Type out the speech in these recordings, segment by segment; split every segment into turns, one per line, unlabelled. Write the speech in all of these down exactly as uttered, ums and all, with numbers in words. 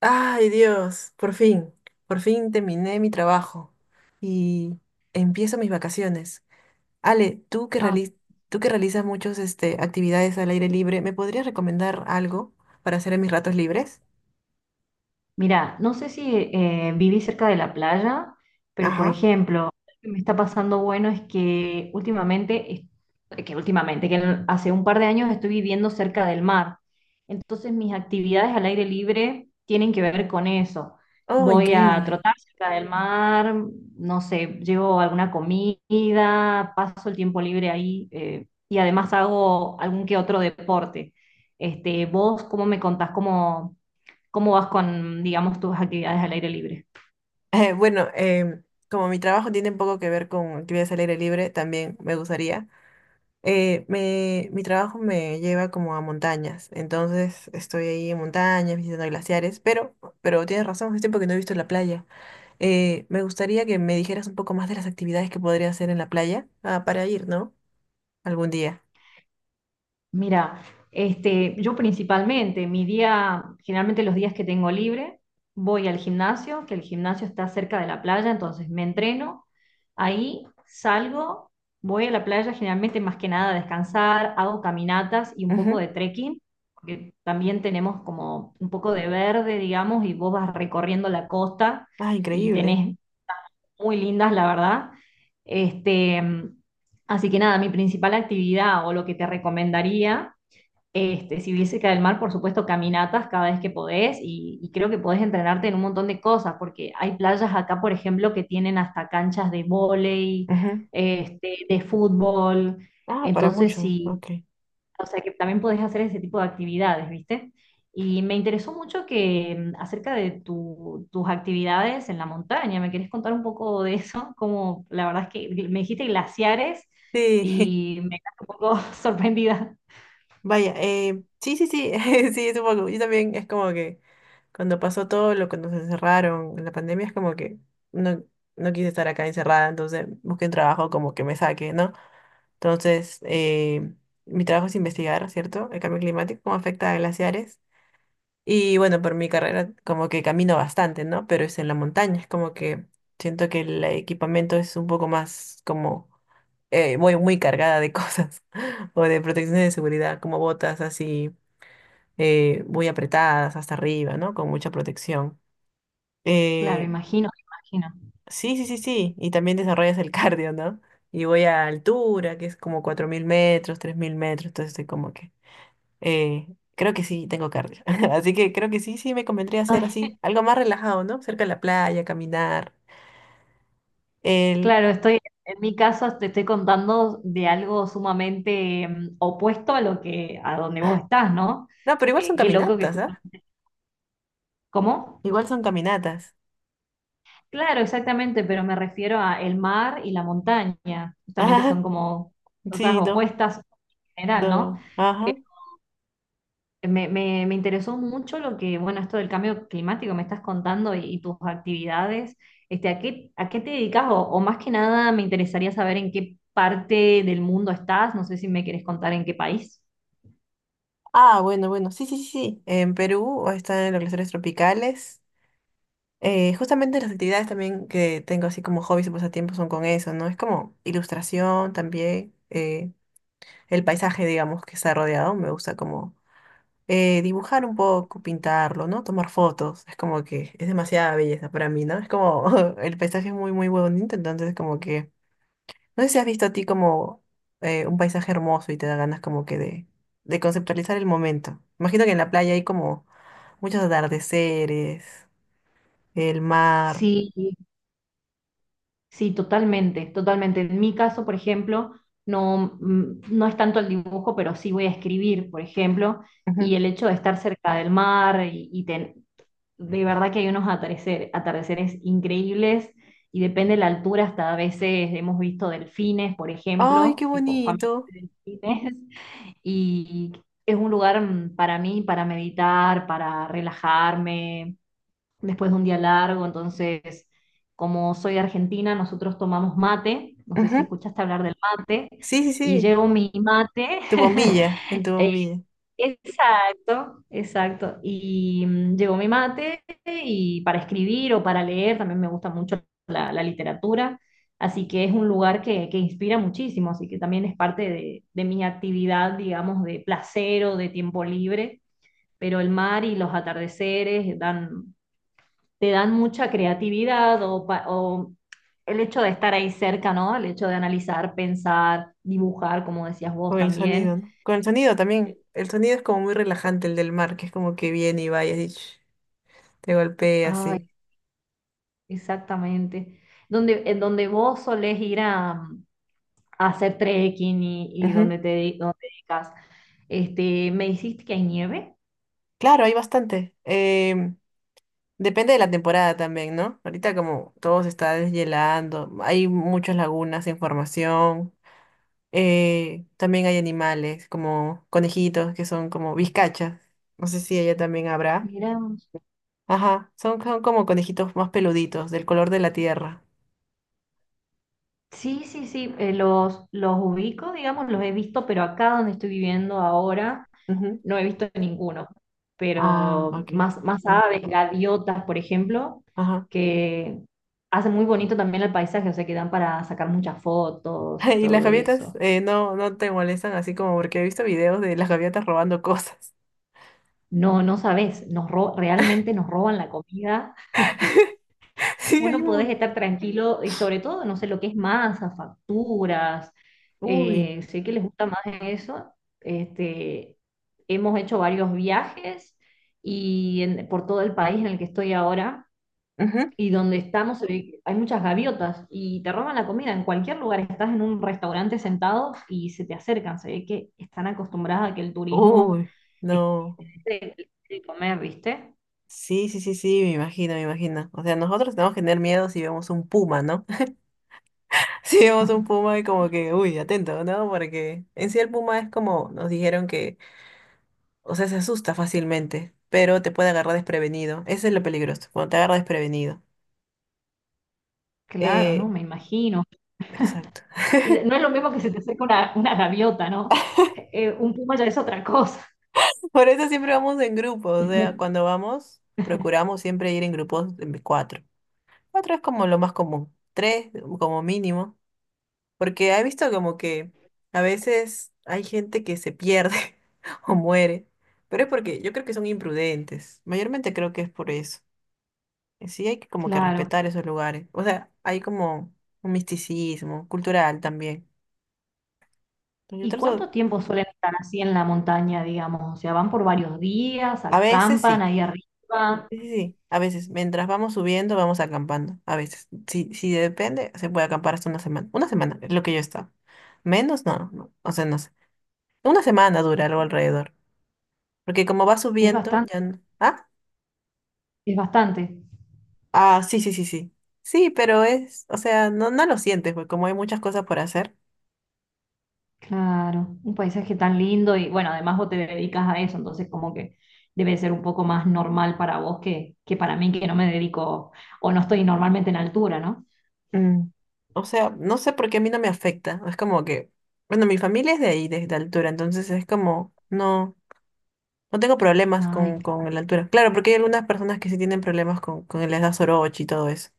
Ay, Dios, por fin, por fin terminé mi trabajo y empiezo mis vacaciones. Ale, tú que
Ah,
reali- tú que realizas muchas este, actividades al aire libre, ¿me podrías recomendar algo para hacer en mis ratos libres?
mira, no sé si eh, viví cerca de la playa, pero por
Ajá.
ejemplo, lo que me está pasando bueno es que últimamente, es- que últimamente, que en- hace un par de años estoy viviendo cerca del mar. Entonces mis actividades al aire libre tienen que ver con eso.
Oh,
Voy a
increíble.
trotar cerca del mar, no sé, llevo alguna comida, paso el tiempo libre ahí eh, y además hago algún que otro deporte. Este, ¿vos cómo me contás cómo ¿cómo vas con, digamos, tus actividades al aire libre?
Eh, bueno, em, como mi trabajo tiene un poco que ver con actividades al aire libre, también me gustaría. Eh, me- mi trabajo me lleva como a montañas, entonces estoy ahí en montañas, visitando glaciares, pero, pero tienes razón, hace tiempo que no he visto la playa. Eh, me gustaría que me dijeras un poco más de las actividades que podría hacer en la playa. Ah, para ir, ¿no? Algún día.
Mira, este, yo principalmente, mi día, generalmente los días que tengo libre, voy al gimnasio, que el gimnasio está cerca de la playa, entonces me entreno, ahí salgo, voy a la playa generalmente más que nada a descansar, hago caminatas y un poco
Ujú.
de trekking, porque también tenemos como un poco de verde, digamos, y vos vas recorriendo la costa
Ah,
y
increíble.
tenés muy lindas, la verdad. Este, así que nada, mi principal actividad o lo que te recomendaría, este, si viviese cerca del mar, por supuesto, caminatas cada vez que podés y, y creo que podés entrenarte en un montón de cosas, porque hay playas acá, por ejemplo, que tienen hasta canchas de vóley,
Ujú.
este, de fútbol.
Ah, para
Entonces,
mucho.
si,
Ok.
o sea que también podés hacer ese tipo de actividades, ¿viste? Y me interesó mucho que mm, acerca de tu- tus actividades en la montaña, ¿me querés contar un poco de eso? Como la verdad es que me dijiste glaciares
Sí,
y me quedé un poco sorprendida.
vaya. eh, sí, sí, sí. Sí, supongo. Yo también es como que cuando pasó todo lo que nos encerraron en la pandemia, es como que no, no quise estar acá encerrada, entonces busqué un trabajo como que me saque, ¿no? Entonces, eh, mi trabajo es investigar, ¿cierto? El cambio climático, cómo afecta a glaciares. Y bueno, por mi carrera como que camino bastante, ¿no? Pero es en la montaña, es como que siento que el equipamiento es un poco más como eh, voy muy cargada de cosas o de protecciones de seguridad, como botas así eh, muy apretadas hasta arriba, ¿no? Con mucha protección.
Claro,
Eh,
imagino, imagino.
sí, sí, sí, sí. Y también desarrollas el cardio, ¿no? Y voy a altura, que es como cuatro mil metros, tres mil metros, entonces estoy como que eh, creo que sí, tengo cardio. Así que creo que sí, sí, me convendría
Ay,
hacer así, algo más relajado, ¿no? Cerca de la playa, caminar. El...
claro, estoy, en mi caso te estoy contando de algo sumamente mm, opuesto a lo que, a donde vos estás, ¿no?
No, pero igual son
Eh, qué loco que...
caminatas,
ju-
¿ah?
¿Cómo?
Igual son caminatas.
Claro, exactamente, pero me refiero a el mar y la montaña. Justamente
Ajá,
son como cosas
sí, no,
opuestas en general, ¿no?
no, ajá.
Pero Me, me- me interesó mucho lo que, bueno, esto del cambio climático me estás contando y, y tus actividades. Este, ¿a qué, ¿a qué te dedicas? O, o más que nada me interesaría saber en qué parte del mundo estás. No sé si me querés contar en qué país.
Ah, bueno, bueno, sí, sí, sí. Sí, en Perú están en los glaciares tropicales. Eh, justamente las actividades también que tengo así como hobbies y pasatiempos son con eso, ¿no? Es como ilustración también, eh, el paisaje, digamos, que está rodeado, me gusta como eh, dibujar un poco, pintarlo, ¿no? Tomar fotos. Es como que es demasiada belleza para mí, ¿no? Es como el paisaje es muy, muy bonito, entonces como que... No sé si has visto a ti como eh, un paisaje hermoso y te da ganas como que de, de conceptualizar el momento. Imagino que en la playa hay como muchos atardeceres, el mar.
Sí, sí, totalmente, totalmente. En mi caso, por ejemplo, no, mm, no es tanto el dibujo, pero sí voy a escribir, por ejemplo, y
Ujú.
el hecho de estar cerca del mar y, y ten- de verdad que hay unos atardecer- atardeceres increíbles y depende de la altura, hasta a veces hemos visto delfines, por
¡Ay, qué
ejemplo, tipo familias
bonito!
de delfines, y es un lugar mm, para mí, para meditar, para relajarme después de un día largo, entonces, como soy argentina, nosotros tomamos mate, no sé si
Ujú.
escuchaste hablar del mate,
Sí, sí,
y
sí.
llevo mi mate,
Tu bombilla, en tu
eh,
bombilla.
exacto, exacto, y mm, llevo mi mate y para escribir o para leer, también me gusta mucho la, la literatura, así que es un lugar que, que inspira muchísimo, así que también es parte de, de mi actividad, digamos, de placer o de tiempo libre pero el mar y los atardeceres dan te dan mucha creatividad o, pa- o el hecho de estar ahí cerca, ¿no? El hecho de analizar, pensar, dibujar, como decías vos
Con el sonido,
también.
¿no? Con el sonido también. El sonido es como muy relajante, el del mar, que es como que viene y va y así, ch, te golpea
Ay,
así.
exactamente. Donde, en donde vos solés ir a, a hacer trekking y, y
Ujú.
donde te de- donde te dedicas. Este, ¿me dijiste que hay nieve?
Claro, hay bastante. Em, depende de la temporada también, ¿no? Ahorita como todo se está deshielando, hay muchas lagunas en formación. eh, también hay animales como conejitos que son como vizcachas. No sé si ella también habrá.
Mira.
Ajá, son, son como conejitos más peluditos, del color de la tierra.
Sí, sí, sí, eh, los, los ubico, digamos, los he visto, pero acá donde estoy viviendo ahora
Ujú.
no he visto ninguno,
Ah,
pero
ok.
más, más aves, gaviotas, por ejemplo,
Ajá.
que hacen muy bonito también el paisaje, o sea, que dan para sacar muchas fotos y
Y las
todo
gaviotas
eso.
eh, no, no te molestan así como porque he visto videos de las gaviotas robando cosas.
No, no sabes, nos ro- realmente nos roban la comida.
Sí, hay
Bueno, podés
un...
estar tranquilo y sobre todo, no sé lo que es masa, facturas,
Uy.
eh, sé que les gusta más eso. Este, hemos hecho varios viajes y en- por todo el país en el que estoy ahora
Ujú.
y donde estamos se ve que hay muchas gaviotas y te roban la comida. En cualquier lugar estás en un restaurante sentado y se te acercan. Se ve que están acostumbradas a que el turismo
Uy. No.
esté de, de comer, ¿viste?
Sí, sí, sí, sí, me imagino, me imagino. O sea, nosotros tenemos que tener miedo si vemos un puma, ¿no? Si vemos un puma y como que, uy, atento, ¿no? Porque en sí el puma es como nos dijeron que, o sea, se asusta fácilmente, pero te puede agarrar desprevenido. Eso es lo peligroso, cuando te agarra desprevenido.
Claro, ¿no?
Eh,
Me imagino.
exacto.
Eh, No es lo mismo que se te acerque una, una gaviota, ¿no? Eh, un puma ya es otra cosa.
Por eso siempre vamos en grupo, o sea, cuando vamos, procuramos siempre ir en grupos de cuatro. Cuatro es como lo más común, tres como mínimo, porque he visto como que a veces hay gente que se pierde o muere, pero es porque yo creo que son imprudentes, mayormente creo que es por eso. Y sí, hay que como que
Claro.
respetar esos lugares, o sea, hay como un misticismo cultural también. Yo
¿Y
trato,
cuánto tiempo suelen estar así en la montaña, digamos? O sea, van por varios días,
a veces
acampan
sí.
ahí arriba.
Sí, sí, sí. A veces, mientras vamos subiendo, vamos acampando. A veces, si, si depende, se puede acampar hasta una semana. Una semana es lo que yo he estado. Menos, no, no. O sea, no sé. Una semana dura algo alrededor. Porque como va
Es
subiendo,
bastante,
ya no. Ah,
es bastante.
ah, sí, sí, sí, sí. Sí, pero es, o sea, no, no lo sientes, porque como hay muchas cosas por hacer.
Claro, un paisaje tan lindo y bueno, además vos te dedicas a eso, entonces como que debe ser un poco más normal para vos que, que para mí que no me dedico o no estoy normalmente en altura, ¿no?
mm, O sea, no sé por qué a mí no me afecta. Es como que, bueno, mi familia es de ahí, de, de altura, entonces es como, no. No tengo problemas
Ay,
con, con la altura. Claro, porque hay algunas personas que sí tienen problemas con, con el les da soroche y todo eso.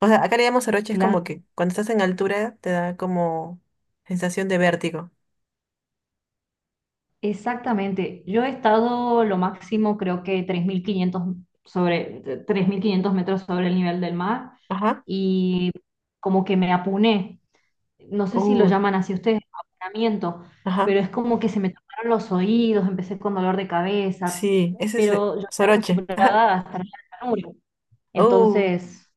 O sea, acá le llamamos soroche, es
claro,
como que cuando estás en altura te da como sensación de vértigo.
exactamente. Yo he estado lo máximo creo que tres mil quinientos sobre tres mil quinientos metros sobre el nivel del mar
Ajá.
y como que me apuné no sé si lo
Uy,
llaman así ustedes, abonamiento,
ajá.
pero es como que se me taparon los oídos, empecé con dolor de cabeza,
Sí, ese es eh,
pero yo estoy
soroche. Ajá.
acostumbrada a estar en la llanura,
Uh,
entonces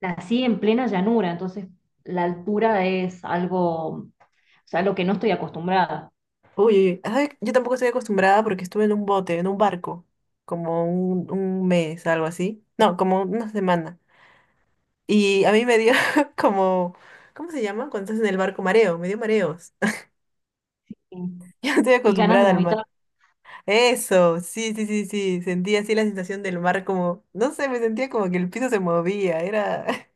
nací en plena llanura, entonces la altura es algo, o sea, lo que no estoy acostumbrada.
uy, uy, uy. Ay, yo tampoco estoy acostumbrada porque estuve en un bote, en un barco, como un, un mes, algo así. No, como una semana. Y a mí me dio como, ¿cómo se llama? Cuando estás en el barco, mareo, me dio mareos.
Y
Yo estoy
y ganas de
acostumbrada al
vomitar,
mar. Eso, sí, sí, sí, sí. Sentía así la sensación del mar como, no sé, me sentía como que el piso se movía. Era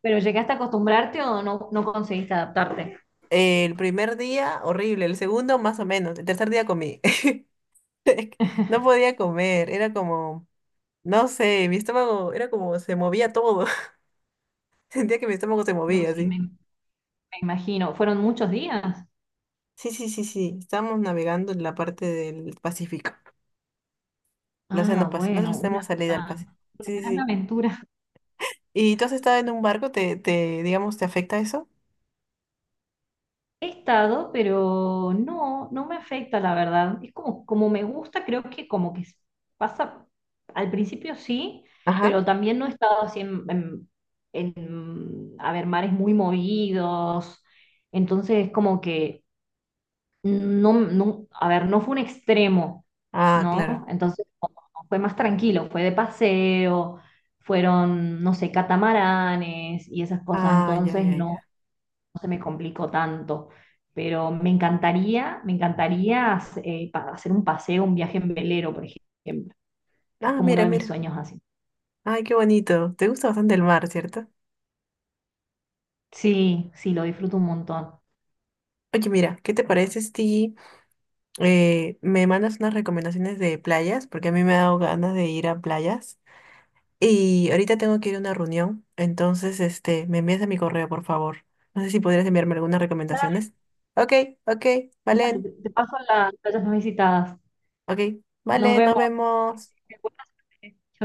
pero ¿llegaste a acostumbrarte o no, no conseguiste adaptarte?
el primer día horrible, el segundo más o menos, el tercer día comí. No podía comer, era como, no sé, mi estómago era como, se movía todo. Sentía que mi estómago se
No,
movía,
sí,
así.
me, me imagino. ¿Fueron muchos días?
Sí, sí, sí, sí. Estábamos navegando en la parte del Pacífico, el Océano
Ah,
Pacífico.
bueno,
Nosotros
una,
tenemos salida al
una
Pacífico.
una
Sí, sí.
gran
Sí.
aventura.
¿Y tú has estado en un barco? ¿Te, te, digamos, te afecta eso?
He estado, pero no, no me afecta, la verdad. Es como, como me gusta, creo que como que pasa, al principio sí,
Ajá.
pero también no he estado así en, en- en, a ver, mares muy movidos. Entonces, como que no, no, a ver, no fue un extremo,
Ah,
¿no?
claro.
Entonces no, fue más tranquilo, fue de paseo, fueron, no sé, catamaranes y esas cosas.
Ah, ya,
Entonces,
ya,
no
ya.
no se me complicó tanto. Pero me encantaría, me encantaría eh, pa- hacer un paseo, un viaje en velero, por ejemplo. Es
Ah,
como uno
mira,
de mis
mira.
sueños así.
Ay, qué bonito. Te gusta bastante el mar, ¿cierto?
Sí, sí, lo disfruto un montón.
Oye, mira, ¿qué te parece si eh, me mandas unas recomendaciones de playas? Porque a mí me ha dado ganas de ir a playas. Y ahorita tengo que ir a una reunión, entonces, este, me envías a mi correo, por favor. No sé si podrías enviarme algunas
Dale,
recomendaciones. Ok, ok,
dale, te
Valen.
te paso la- las playas más visitadas.
Ok,
Nos
vale, nos
vemos.
vemos.
Chau,